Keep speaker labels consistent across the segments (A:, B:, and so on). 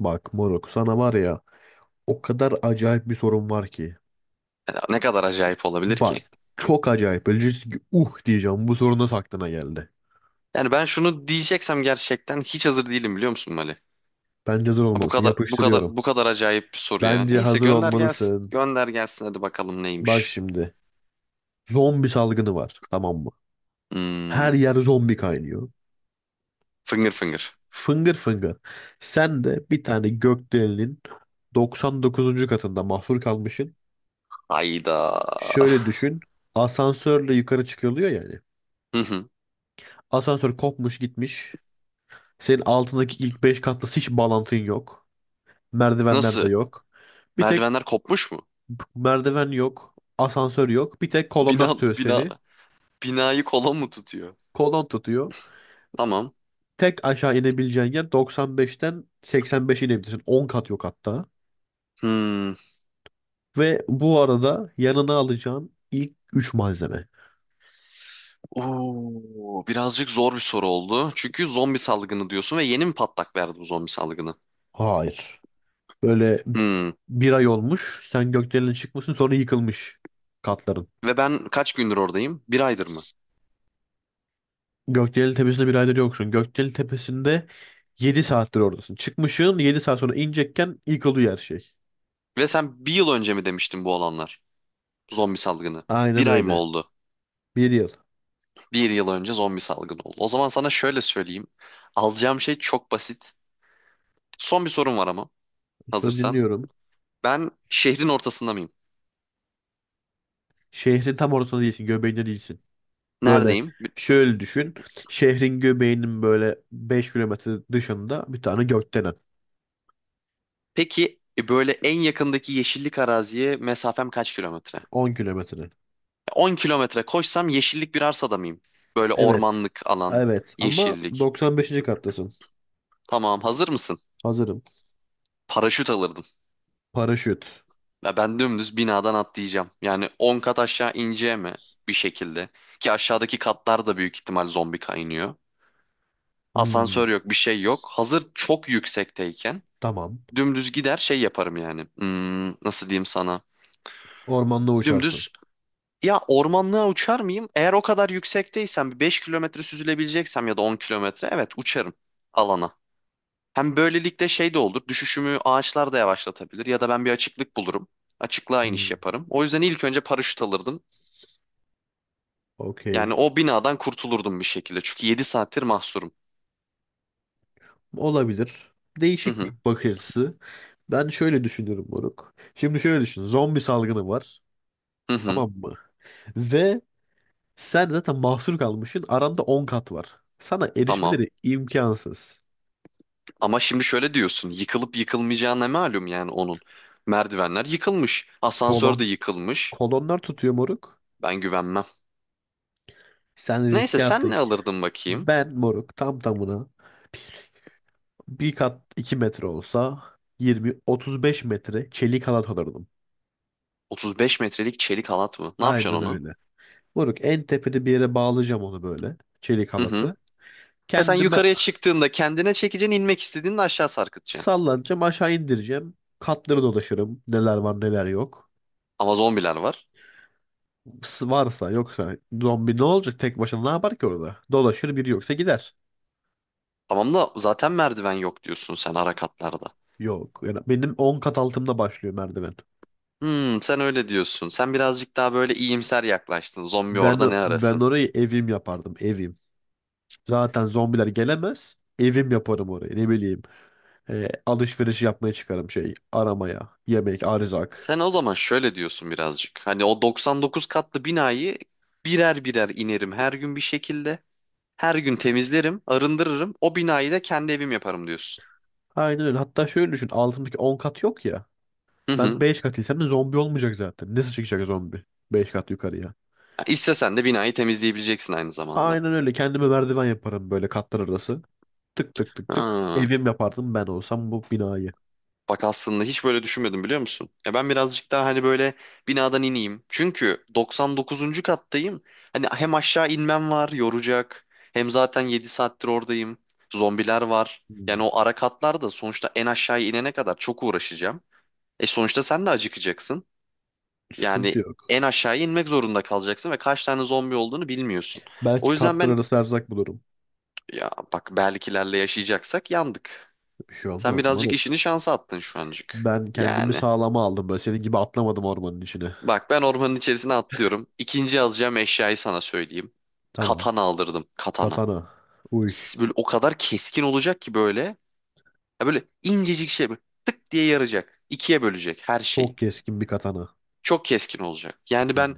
A: Bak moruk sana var ya o kadar acayip bir sorun var ki.
B: Yani ne kadar acayip olabilir
A: Bak
B: ki?
A: çok acayip. Böyle diyeceksin ki diyeceğim bu sorun nasıl aklına geldi.
B: Yani ben şunu diyeceksem gerçekten hiç hazır değilim biliyor musun Mali?
A: Bence hazır
B: Ha, Bu
A: olmalısın.
B: kadar bu kadar
A: Yapıştırıyorum.
B: bu kadar acayip bir soru ya.
A: Bence
B: Neyse
A: hazır
B: gönder gelsin.
A: olmalısın.
B: Gönder gelsin hadi bakalım
A: Bak
B: neymiş.
A: şimdi zombi salgını var, tamam mı?
B: Hmm,
A: Her yer zombi kaynıyor.
B: finger finger.
A: S- Fıngır fıngır. Sen de bir tane gökdelenin 99. katında mahsur kalmışsın.
B: Hayda.
A: Şöyle düşün. Asansörle yukarı çıkılıyor yani.
B: Hı hı.
A: Asansör kopmuş gitmiş. Senin altındaki ilk 5 katlı hiç bağlantın yok. Merdivenler de
B: Nasıl?
A: yok. Bir tek
B: Merdivenler kopmuş mu?
A: merdiven yok. Asansör yok. Bir tek kolonlar
B: Bina
A: tutuyor
B: bina
A: seni.
B: binayı kola mı tutuyor?
A: Kolon tutuyor.
B: Tamam.
A: Tek aşağı inebileceğin yer 95'ten 85'e inebilirsin. 10 kat yok hatta.
B: Hmm.
A: Ve bu arada yanına alacağın ilk üç malzeme.
B: Oo, birazcık zor bir soru oldu. Çünkü zombi salgını diyorsun ve yeni mi patlak verdi bu zombi salgını?
A: Hayır. Böyle
B: Hmm.
A: bir ay olmuş. Sen gökdelene çıkmışsın, sonra yıkılmış katların.
B: Ve ben kaç gündür oradayım? Bir aydır mı?
A: Gökdelen Tepesi'nde bir aydır yoksun. Gökdelen Tepesi'nde 7 saattir oradasın. Çıkmışsın, 7 saat sonra inecekken ilk oluyor her şey.
B: Ve sen bir yıl önce mi demiştin bu olanlar? Zombi salgını.
A: Aynen
B: Bir ay mı
A: öyle.
B: oldu?
A: Bir yıl.
B: Bir yıl önce zombi salgını oldu. O zaman sana şöyle söyleyeyim. Alacağım şey çok basit. Son bir sorum var ama
A: Söz
B: hazırsan.
A: dinliyorum.
B: Ben şehrin ortasında mıyım?
A: Şehrin tam ortasında değilsin. Göbeğinde değilsin. Böyle
B: Neredeyim?
A: şöyle düşün. Şehrin göbeğinin böyle 5 kilometre dışında bir tane gökdelen.
B: Peki böyle en yakındaki yeşillik araziye mesafem kaç kilometre?
A: 10 kilometre.
B: 10 kilometre koşsam yeşillik bir arsada mıyım? Böyle
A: Evet.
B: ormanlık alan,
A: Evet. Ama
B: yeşillik.
A: 95. kattasın.
B: Tamam, hazır mısın?
A: Hazırım.
B: Paraşüt alırdım.
A: Paraşüt.
B: Ya ben dümdüz binadan atlayacağım. Yani 10 kat aşağı ineceğim mi bir şekilde. Ki aşağıdaki katlar da büyük ihtimal zombi kaynıyor.
A: Hmm,
B: Asansör yok, bir şey yok. Hazır çok yüksekteyken
A: tamam.
B: dümdüz gider şey yaparım yani. Nasıl diyeyim sana?
A: Ormanda uçarsın.
B: Dümdüz ya ormanlığa uçar mıyım? Eğer o kadar yüksekteysem bir 5 kilometre süzülebileceksem ya da 10 kilometre evet uçarım alana. Hem böylelikle şey de olur. Düşüşümü ağaçlar da yavaşlatabilir ya da ben bir açıklık bulurum açıklığa iniş
A: Hmm,
B: yaparım. O yüzden ilk önce paraşüt alırdım.
A: okey.
B: Yani o binadan kurtulurdum bir şekilde. Çünkü 7 saattir mahsurum.
A: Olabilir.
B: Hı
A: Değişik bir
B: hı.
A: bakış açısı. Ben şöyle düşünüyorum moruk. Şimdi şöyle düşün. Zombi salgını var.
B: Hı hı.
A: Tamam mı? Ve sen zaten mahsur kalmışsın. Aranda 10 kat var. Sana
B: Tamam.
A: erişmeleri imkansız.
B: Ama şimdi şöyle diyorsun. Yıkılıp yıkılmayacağı ne malum yani onun. Merdivenler yıkılmış. Asansör
A: Kolon,
B: de yıkılmış.
A: kolonlar tutuyor moruk.
B: Ben güvenmem.
A: Sen
B: Neyse
A: riske
B: sen
A: attın.
B: ne alırdın bakayım?
A: Ben moruk tam tamına bir kat 2 metre olsa 20-35 metre çelik halat alırdım.
B: 35 metrelik çelik halat mı? Ne yapacaksın
A: Aynen
B: onu?
A: öyle. Moruk en tepede bir yere bağlayacağım onu böyle. Çelik
B: Hı hı.
A: halatı.
B: He sen
A: Kendime
B: yukarıya çıktığında kendine çekeceksin, inmek istediğinde aşağı sarkıtacaksın.
A: Sallanacağım, aşağı indireceğim. Katları dolaşırım. Neler var neler yok.
B: Ama zombiler var.
A: Varsa yoksa zombi, ne olacak tek başına ne yapar ki orada? Dolaşır, biri yoksa gider.
B: Tamam da zaten merdiven yok diyorsun sen ara katlarda.
A: Yok. Yani benim 10 kat altımda başlıyor merdiven.
B: Sen öyle diyorsun. Sen birazcık daha böyle iyimser yaklaştın. Zombi
A: Ben
B: orada ne
A: ben
B: arasın?
A: orayı evim yapardım, evim. Zaten zombiler gelemez. Evim yaparım orayı, ne bileyim. E, alışveriş yapmaya çıkarım, şey aramaya. Yemek, erzak.
B: Sen o zaman şöyle diyorsun birazcık. Hani o 99 katlı binayı birer birer inerim her gün bir şekilde. Her gün temizlerim, arındırırım. O binayı da kendi evim yaparım diyorsun.
A: Aynen öyle. Hatta şöyle düşün, altımdaki 10 kat yok ya.
B: Hı
A: Ben
B: hı.
A: 5 katıysam da zombi olmayacak zaten. Nasıl çıkacak zombi? 5 kat yukarıya.
B: Ya İstesen de binayı temizleyebileceksin aynı zamanda.
A: Aynen öyle. Kendime merdiven yaparım böyle, katlar arası. Tık tık tık tık.
B: Ha.
A: Evim yapardım ben olsam bu binayı.
B: Bak aslında hiç böyle düşünmedim biliyor musun? Ya ben birazcık daha hani böyle binadan ineyim. Çünkü 99. kattayım. Hani hem aşağı inmem var yoracak. Hem zaten 7 saattir oradayım. Zombiler var. Yani
A: Hmm,
B: o ara katlar da sonuçta en aşağıya inene kadar çok uğraşacağım. E sonuçta sen de acıkacaksın.
A: Sıkıntı
B: Yani
A: yok.
B: en aşağıya inmek zorunda kalacaksın ve kaç tane zombi olduğunu bilmiyorsun. O
A: Belki
B: yüzden
A: katlar
B: ben
A: arası erzak bulurum.
B: ya bak belkilerle yaşayacaksak yandık.
A: Bir şey
B: Sen
A: olmaz
B: birazcık
A: moruk.
B: işini şansa attın şu ancık.
A: Ben kendimi
B: Yani
A: sağlama aldım böyle. Senin gibi atlamadım ormanın içine.
B: bak ben ormanın içerisine atlıyorum. İkinci yazacağım eşyayı sana söyleyeyim.
A: Tamam.
B: Katana aldırdım. Katana.
A: Katana. Uy.
B: Böyle o kadar keskin olacak ki böyle. Ya böyle incecik şey böyle tık diye yaracak. İkiye bölecek her
A: Çok
B: şeyi.
A: keskin bir katana.
B: Çok keskin olacak. Yani
A: Hmm,
B: ben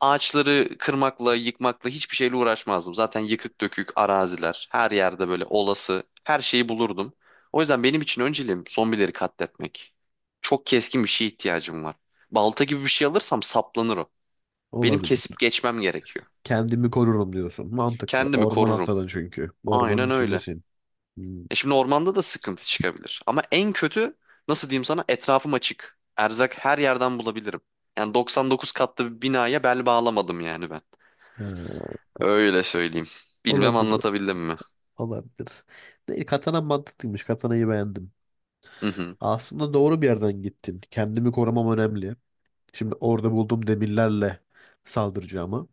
B: ağaçları kırmakla, yıkmakla hiçbir şeyle uğraşmazdım. Zaten yıkık dökük araziler, her yerde böyle olası her şeyi bulurdum. O yüzden benim için önceliğim zombileri katletmek. Çok keskin bir şeye ihtiyacım var. Balta gibi bir şey alırsam saplanır o. Benim
A: olabilir.
B: kesip geçmem gerekiyor.
A: Kendimi korurum diyorsun. Mantıklı.
B: Kendimi
A: Orman
B: korurum.
A: atladın çünkü. Ormanın
B: Aynen öyle.
A: içindesin. Hmm,
B: E şimdi ormanda da sıkıntı çıkabilir. Ama en kötü nasıl diyeyim sana etrafım açık. Erzak her yerden bulabilirim. Yani 99 katlı bir binaya bel bağlamadım yani ben.
A: ha,
B: Öyle söyleyeyim. Bilmem
A: olabilir.
B: anlatabildim mi?
A: Olabilir. Ne, katana mantıklıymış. Katanayı beğendim.
B: Hı hı.
A: Aslında doğru bir yerden gittin. Kendimi korumam önemli. Şimdi orada bulduğum demirlerle saldıracağıma,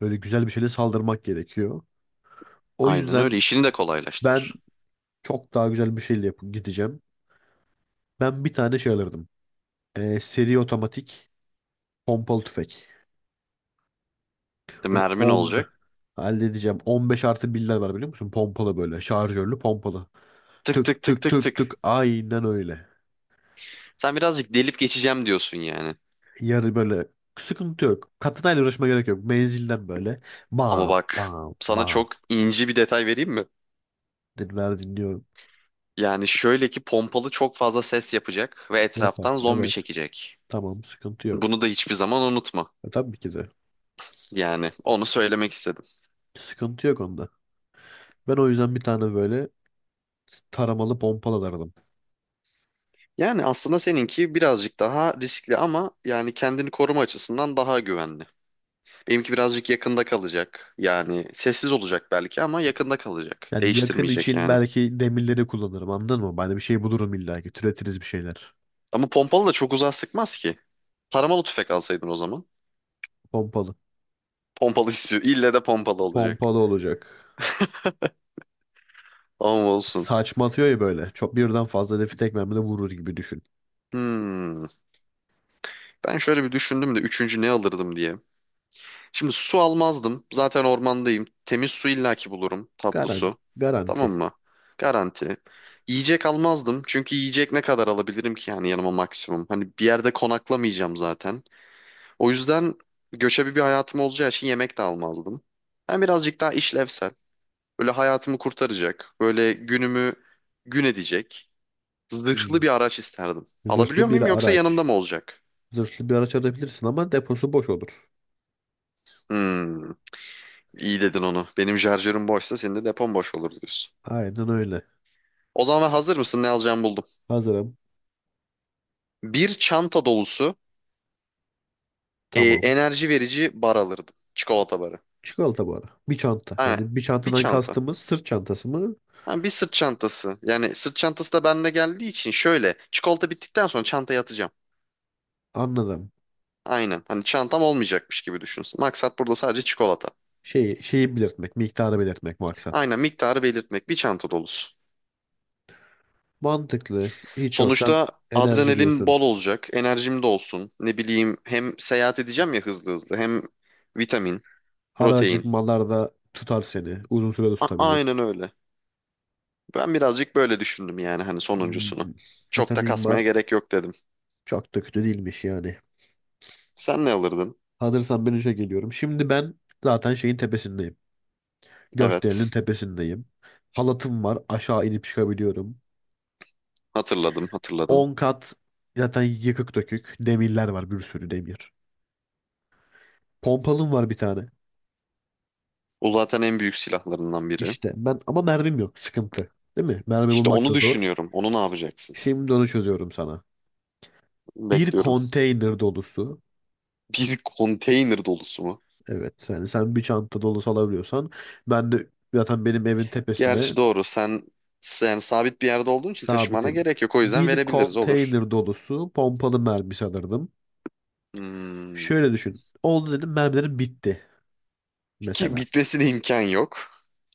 A: böyle güzel bir şeyle saldırmak gerekiyor. O
B: Aynen
A: yüzden
B: öyle. İşini de
A: ben
B: kolaylaştırır.
A: çok daha güzel bir şeyle yapıp gideceğim. Ben bir tane şey alırdım. Seri otomatik pompalı tüfek.
B: De
A: Böyle
B: mermin
A: 10
B: olacak.
A: halledeceğim. 15 artı birler var, biliyor musun? Pompalı böyle. Şarjörlü pompalı.
B: Tık tık
A: Tık
B: tık
A: tık
B: tık
A: tık tık.
B: tık.
A: Aynen öyle.
B: Sen birazcık delip geçeceğim diyorsun yani.
A: Yarı böyle sıkıntı yok. Katana ile uğraşmaya gerek yok. Menzilden böyle.
B: Ama
A: Bam
B: bak
A: bam
B: sana
A: bam.
B: çok ince bir detay vereyim mi?
A: Dinliyorum.
B: Yani şöyle ki pompalı çok fazla ses yapacak ve
A: Yapar.
B: etraftan zombi
A: Evet.
B: çekecek.
A: Tamam. Sıkıntı
B: Bunu
A: yok.
B: da hiçbir zaman unutma.
A: E, tabii ki de.
B: Yani onu söylemek istedim.
A: Sıkıntı yok onda. Ben o yüzden bir tane böyle taramalı pompalı alırdım.
B: Yani aslında seninki birazcık daha riskli ama yani kendini koruma açısından daha güvenli. Benimki birazcık yakında kalacak. Yani sessiz olacak belki ama yakında kalacak.
A: Yani yakın
B: Değiştirmeyecek
A: için
B: yani.
A: belki demirleri kullanırım. Anladın mı? Ben de bir şey bulurum illa ki. Türetiriz bir şeyler.
B: Ama pompalı da çok uzağa sıkmaz ki. Taramalı tüfek alsaydın o zaman.
A: Pompalı.
B: Pompalı istiyor. İlle de pompalı olacak.
A: Pompalı olacak.
B: Ama olsun.
A: Saçma atıyor ya böyle. Çok birden fazla hedefi tek mermide vurur gibi düşün.
B: Hmm. Ben şöyle bir düşündüm de üçüncü ne alırdım diye. Şimdi su almazdım. Zaten ormandayım. Temiz su illaki bulurum. Tatlı su. Tamam
A: Garanti.
B: mı? Garanti. Yiyecek almazdım. Çünkü yiyecek ne kadar alabilirim ki yani yanıma maksimum. Hani bir yerde konaklamayacağım zaten. O yüzden göçebe bir hayatım olacağı için yemek de almazdım. Ben birazcık daha işlevsel. Böyle hayatımı kurtaracak. Böyle günümü gün edecek. Zırhlı
A: Hmm.
B: bir araç isterdim. Alabiliyor
A: Zırhlı
B: muyum
A: bir
B: yoksa yanımda
A: araç.
B: mı olacak?
A: Zırhlı bir araç alabilirsin ama deposu boş olur.
B: Hmm, iyi dedin onu. Benim şarjörüm boşsa senin de depon boş olur diyorsun.
A: Aynen öyle.
B: O zaman hazır mısın? Ne alacağımı buldum.
A: Hazırım.
B: Bir çanta dolusu
A: Tamam.
B: enerji verici bar alırdım. Çikolata barı.
A: Çikolata bu ara. Bir çanta.
B: Ha,
A: Yani bir
B: bir
A: çantadan
B: çanta.
A: kastımız sırt çantası mı?
B: Ha, bir sırt çantası. Yani sırt çantası da bende geldiği için şöyle. Çikolata bittikten sonra çantaya atacağım.
A: Anladım.
B: Aynen. Hani çantam olmayacakmış gibi düşünsün. Maksat burada sadece çikolata.
A: Şeyi belirtmek, miktarı belirtmek maksat.
B: Aynen miktarı belirtmek. Bir çanta dolusu.
A: Mantıklı. Hiç yoktan
B: Sonuçta
A: enerji
B: adrenalin
A: diyorsun.
B: bol olacak. Enerjim de olsun. Ne bileyim hem seyahat edeceğim ya hızlı hızlı. Hem vitamin,
A: Ara
B: protein.
A: acıkmalarda tutar seni. Uzun süre de tutabilir.
B: Aynen öyle. Ben birazcık böyle düşündüm yani hani
A: Hmm,
B: sonuncusunu. Çok da
A: Vitamin var.
B: kasmaya gerek yok dedim.
A: Çok da kötü değilmiş yani.
B: Sen ne alırdın?
A: Hazırsan ben işe geliyorum. Şimdi ben zaten şeyin tepesindeyim. Gökdelenin
B: Evet.
A: tepesindeyim. Halatım var. Aşağı inip çıkabiliyorum.
B: Hatırladım, hatırladım.
A: 10 kat zaten yıkık dökük. Demirler var. Bir sürü demir. Pompalım var bir tane.
B: O zaten en büyük silahlarından biri.
A: İşte ben ama mermim yok. Sıkıntı. Değil mi? Mermi
B: İşte
A: bulmak da
B: onu
A: zor.
B: düşünüyorum. Onu ne yapacaksın?
A: Şimdi onu çözüyorum sana. Bir
B: Bekliyorum.
A: konteyner dolusu.
B: Bir konteyner dolusu mu?
A: Evet. Yani sen bir çanta dolusu alabiliyorsan ben de zaten benim evin tepesine.
B: Gerçi doğru. Sen sabit bir yerde olduğun için taşımana
A: Sabitim.
B: gerek yok. O yüzden
A: Bir
B: verebiliriz olur.
A: konteyner dolusu pompalı mermi sanırdım.
B: Hmm.
A: Şöyle düşün. Oldu dedim, mermilerim bitti
B: Ki
A: mesela.
B: bitmesine imkan yok.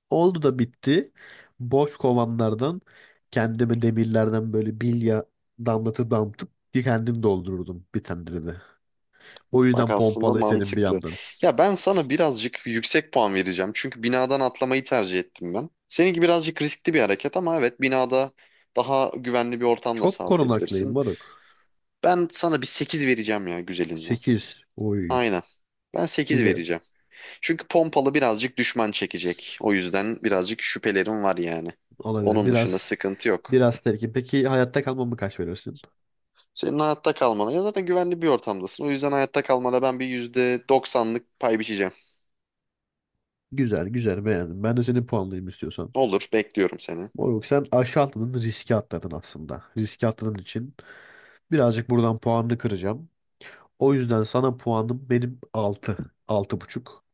A: Oldu da bitti. Boş kovanlardan kendime demirlerden böyle bilya damlatıp damlatıp bir kendim doldururdum, bir tane de. O
B: Bak
A: yüzden
B: aslında
A: pompalı istedim bir
B: mantıklı.
A: yandan.
B: Ya ben sana birazcık yüksek puan vereceğim. Çünkü binadan atlamayı tercih ettim ben. Seninki birazcık riskli bir hareket ama evet binada daha güvenli bir ortam da
A: Çok korunaklıyım
B: sağlayabilirsin.
A: moruk.
B: Ben sana bir 8 vereceğim ya güzelinden.
A: 8, oy.
B: Aynen. Ben 8
A: Güzel.
B: vereceğim. Çünkü pompalı birazcık düşman çekecek. O yüzden birazcık şüphelerim var yani.
A: Olabilir.
B: Onun dışında sıkıntı yok.
A: Biraz terkim. Peki hayatta kalmamı kaç verirsin?
B: Senin hayatta kalmana ya zaten güvenli bir ortamdasın. O yüzden hayatta kalmana ben bir %90'lık pay biçeceğim.
A: Güzel güzel beğendim. Ben de seni puanlayayım istiyorsan.
B: Olur, bekliyorum seni.
A: Moruk sen aşağı atladın, riske atladın aslında. Riski atladığın için birazcık buradan puanını kıracağım. O yüzden sana puanım benim altı, 6,5.